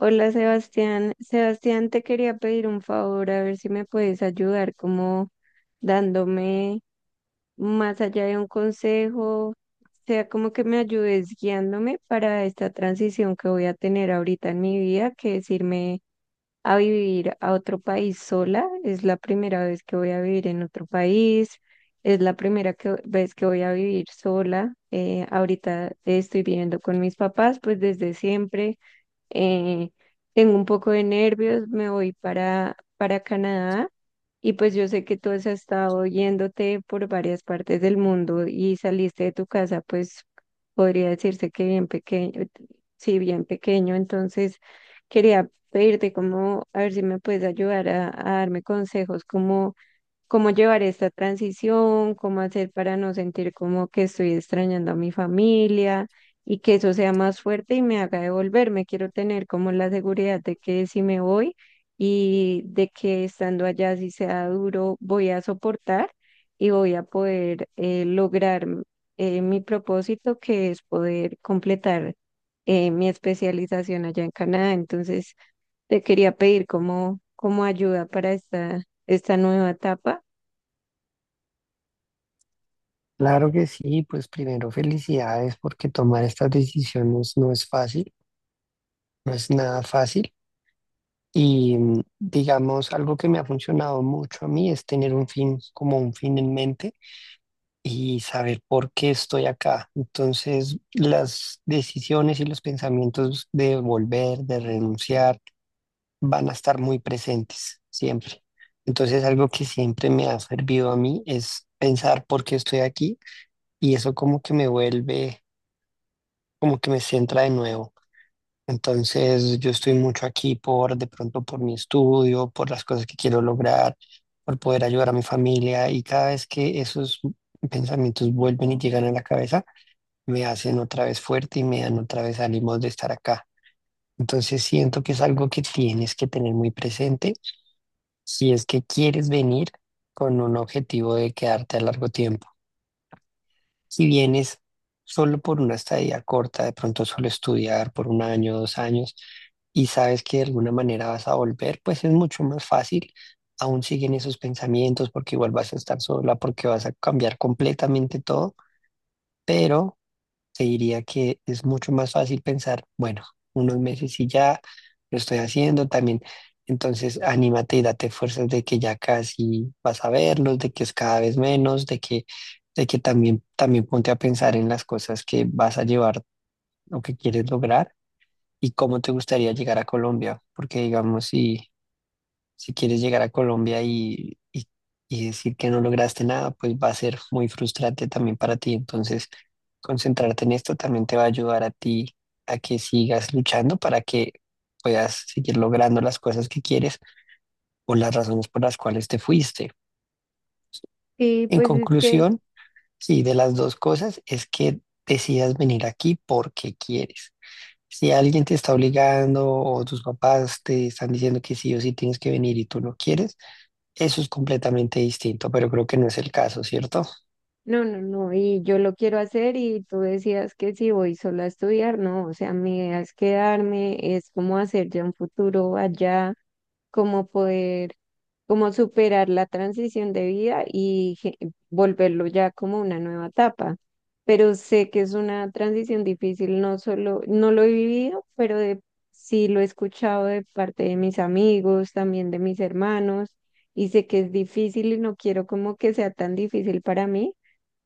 Hola Sebastián, te quería pedir un favor, a ver si me puedes ayudar como dándome, más allá de un consejo, sea como que me ayudes guiándome para esta transición que voy a tener ahorita en mi vida, que es irme a vivir a otro país sola. Es la primera vez que voy a vivir en otro país, es la primera vez que voy a vivir sola. Ahorita estoy viviendo con mis papás, pues desde siempre. eh, Tengo un poco de nervios, me voy para Canadá, y pues yo sé que tú has estado yéndote por varias partes del mundo y saliste de tu casa, pues podría decirse que bien pequeño, sí, bien pequeño. Entonces quería pedirte como, a ver si me puedes ayudar a darme consejos como cómo llevar esta transición, cómo hacer para no sentir como que estoy extrañando a mi familia y que eso sea más fuerte y me haga devolverme. Quiero tener como la seguridad de que si me voy y de que estando allá, si sea duro, voy a soportar y voy a poder lograr mi propósito, que es poder completar mi especialización allá en Canadá. Entonces, te quería pedir como ayuda para esta nueva etapa. Claro que sí, pues primero felicidades porque tomar estas decisiones no es fácil, no es nada fácil. Y digamos, algo que me ha funcionado mucho a mí es tener un fin, como un fin en mente y saber por qué estoy acá. Entonces, las decisiones y los pensamientos de volver, de renunciar, van a estar muy presentes siempre. Entonces, algo que siempre me ha servido a mí es pensar por qué estoy aquí y eso como que me vuelve como que me centra de nuevo. Entonces, yo estoy mucho aquí por, de pronto, por mi estudio, por las cosas que quiero lograr, por poder ayudar a mi familia. Y cada vez que esos pensamientos vuelven y llegan a la cabeza, me hacen otra vez fuerte y me dan otra vez ánimos de estar acá. Entonces, siento que es algo que tienes que tener muy presente si es que quieres venir con un objetivo de quedarte a largo tiempo. Si vienes solo por una estadía corta, de pronto solo estudiar por un año, dos años, y sabes que de alguna manera vas a volver, pues es mucho más fácil. Aún siguen esos pensamientos porque igual vas a estar sola, porque vas a cambiar completamente todo, pero te diría que es mucho más fácil pensar, bueno, unos meses y ya lo estoy haciendo también. Entonces, anímate y date fuerzas de que ya casi vas a verlos, de que es cada vez menos, de que también, también ponte a pensar en las cosas que vas a llevar o que quieres lograr y cómo te gustaría llegar a Colombia, porque digamos, si quieres llegar a Colombia y decir que no lograste nada, pues va a ser muy frustrante también para ti. Entonces, concentrarte en esto también te va a ayudar a ti a que sigas luchando para que puedas seguir logrando las cosas que quieres o las razones por las cuales te fuiste. Sí, En pues es que conclusión, sí, de las dos cosas es que decidas venir aquí porque quieres. Si alguien te está obligando o tus papás te están diciendo que sí o sí tienes que venir y tú no quieres, eso es completamente distinto, pero creo que no es el caso, ¿cierto? no, no, no, y yo lo quiero hacer. Y tú decías que si voy sola a estudiar, no, o sea, mi idea es quedarme, es como hacer ya un futuro allá, como poder, como superar la transición de vida y volverlo ya como una nueva etapa. Pero sé que es una transición difícil, no solo, no lo he vivido, pero sí lo he escuchado de parte de mis amigos, también de mis hermanos, y sé que es difícil y no quiero como que sea tan difícil para mí.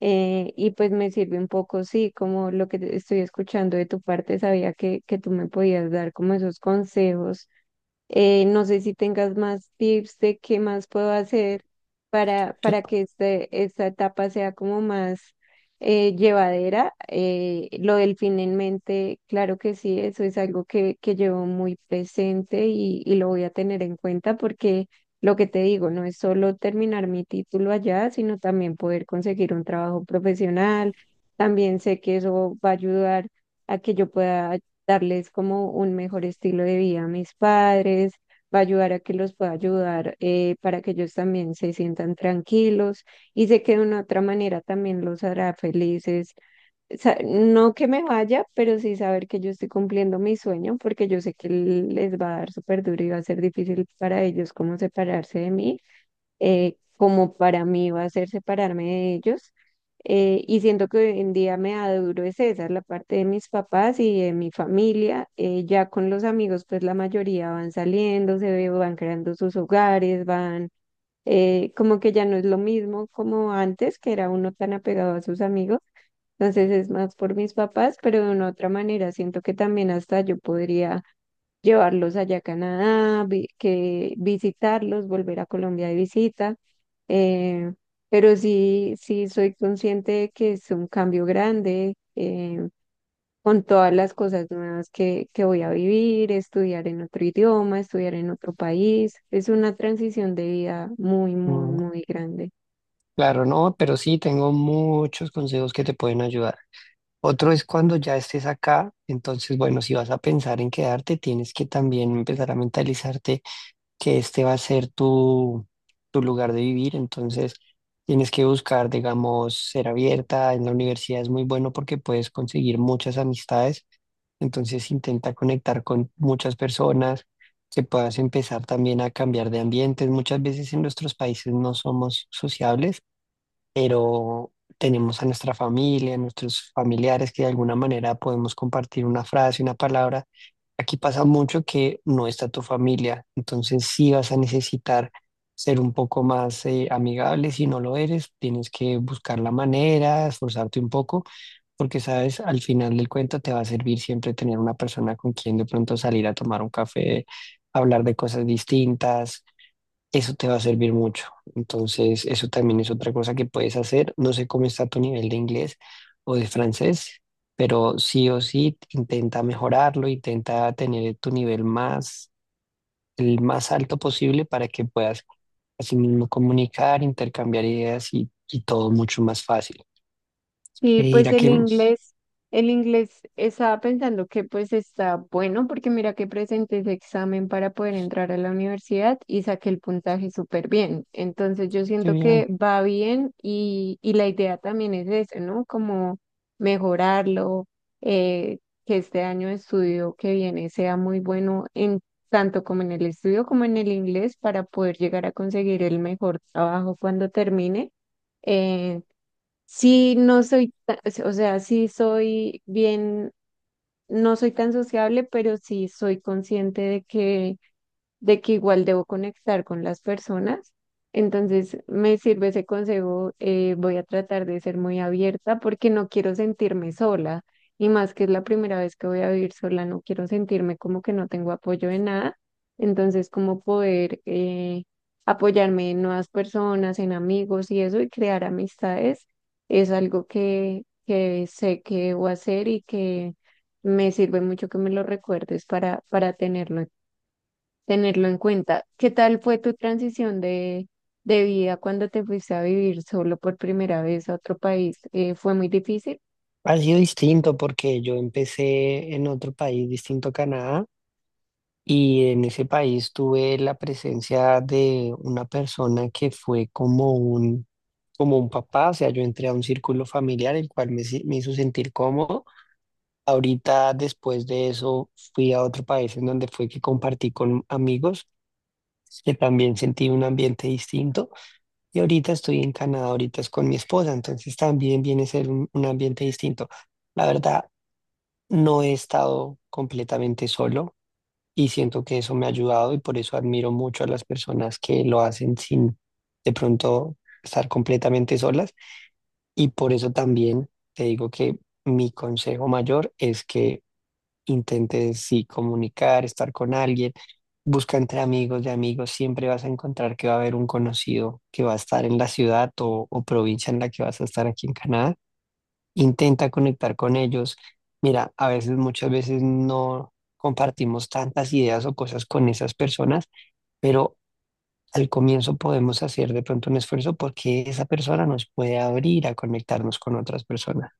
Y pues me sirve un poco, sí, como lo que estoy escuchando de tu parte. Sabía que tú me podías dar como esos consejos. No sé si tengas más tips de qué más puedo hacer para que esta etapa sea como más llevadera. Lo del fin en mente, claro que sí, eso es algo que llevo muy presente, y lo voy a tener en cuenta, porque lo que te digo, no es solo terminar mi título allá, sino también poder conseguir un trabajo profesional. También sé que eso va a ayudar a que yo pueda darles como un mejor estilo de vida a mis padres, va a ayudar a que los pueda ayudar, para que ellos también se sientan tranquilos, y sé que de una otra manera también los hará felices. No que me vaya, pero sí saber que yo estoy cumpliendo mi sueño, porque yo sé que les va a dar súper duro y va a ser difícil para ellos como separarse de mí, como para mí va a ser separarme de ellos. Y siento que hoy en día me da duro es esa, la parte de mis papás y de mi familia. Ya con los amigos, pues la mayoría van saliendo, van creando sus hogares, van, como que ya no es lo mismo como antes, que era uno tan apegado a sus amigos. Entonces es más por mis papás, pero de una otra manera siento que también hasta yo podría llevarlos allá a Canadá, que visitarlos, volver a Colombia de visita. eh, pero sí, sí soy consciente de que es un cambio grande, con todas las cosas nuevas que voy a vivir, estudiar en otro idioma, estudiar en otro país. Es una transición de vida muy, muy, Mm, muy grande. claro, no, pero sí tengo muchos consejos que te pueden ayudar. Otro es cuando ya estés acá, entonces, bueno, si vas a pensar en quedarte, tienes que también empezar a mentalizarte que este va a ser tu lugar de vivir, entonces tienes que buscar, digamos, ser abierta. En la universidad es muy bueno porque puedes conseguir muchas amistades. Entonces intenta conectar con muchas personas, que puedas empezar también a cambiar de ambientes. Muchas veces en nuestros países no somos sociables, pero tenemos a nuestra familia, a nuestros familiares que de alguna manera podemos compartir una frase, una palabra. Aquí pasa mucho que no está tu familia, entonces sí vas a necesitar ser un poco más amigable. Si no lo eres, tienes que buscar la manera, esforzarte un poco, porque sabes, al final del cuento te va a servir siempre tener una persona con quien de pronto salir a tomar un café, hablar de cosas distintas. Eso te va a servir mucho. Entonces, eso también es otra cosa que puedes hacer. No sé cómo está tu nivel de inglés o de francés, pero sí o sí intenta mejorarlo, intenta tener tu nivel más, el más alto posible para que puedas así mismo comunicar, intercambiar ideas y todo mucho más fácil. Y Y pues dirá el inglés, el inglés estaba pensando que pues está bueno, porque mira que presenté ese examen para poder entrar a la universidad y saqué el puntaje súper bien. Entonces yo que siento bien, que va bien, y la idea también es eso, ¿no? Como mejorarlo, eh, que este año de estudio que viene sea muy bueno en tanto como en el estudio como en el inglés, para poder llegar a conseguir el mejor trabajo cuando termine. eh, Sí, no soy, o sea, sí soy bien, no soy tan sociable, pero sí soy consciente de que igual debo conectar con las personas. Entonces, me sirve ese consejo. Voy a tratar de ser muy abierta, porque no quiero sentirme sola, y más que es la primera vez que voy a vivir sola, no quiero sentirme como que no tengo apoyo de nada. Entonces, como poder apoyarme en nuevas personas, en amigos y eso, y crear amistades es algo que sé que debo hacer, y que me sirve mucho que me lo recuerdes para tenerlo en cuenta. ¿Qué tal fue tu transición de vida cuando te fuiste a vivir solo por primera vez a otro país? ¿Fue muy difícil? ha sido distinto porque yo empecé en otro país distinto a Canadá. Y en ese país tuve la presencia de una persona que fue como un papá, o sea, yo entré a un círculo familiar el cual me, si- me hizo sentir cómodo. Ahorita, después de eso, fui a otro país en donde fue que compartí con amigos, que también sentí un ambiente distinto. Y ahorita estoy en Canadá, ahorita es con mi esposa, entonces también viene a ser un ambiente distinto. La verdad, no he estado completamente solo y siento que eso me ha ayudado y por eso admiro mucho a las personas que lo hacen sin de pronto estar completamente solas y por eso también te digo que mi consejo mayor es que intentes sí comunicar, estar con alguien, busca entre amigos de amigos, siempre vas a encontrar que va a haber un conocido que va a estar en la ciudad o provincia en la que vas a estar aquí en Canadá. Intenta conectar con ellos. Mira, a veces, muchas veces no compartimos tantas ideas o cosas con esas personas, pero al comienzo podemos hacer de pronto un esfuerzo porque esa persona nos puede abrir a conectarnos con otras personas.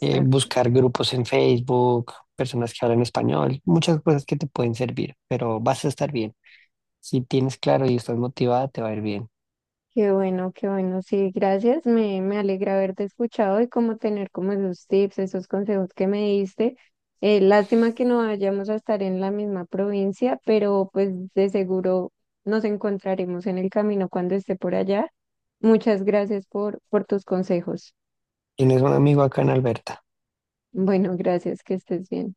Buscar grupos en Facebook, personas que hablan español, muchas cosas que te pueden servir, pero vas a estar bien. Si tienes claro y estás motivada, te va a ir bien. Qué bueno, qué bueno. Sí, gracias. Me alegra haberte escuchado y como tener como esos tips, esos consejos que me diste. Lástima que no vayamos a estar en la misma provincia, pero pues de seguro nos encontraremos en el camino cuando esté por allá. Muchas gracias por tus consejos. Tienes un amigo acá en Alberta. Bueno, gracias, que estés bien.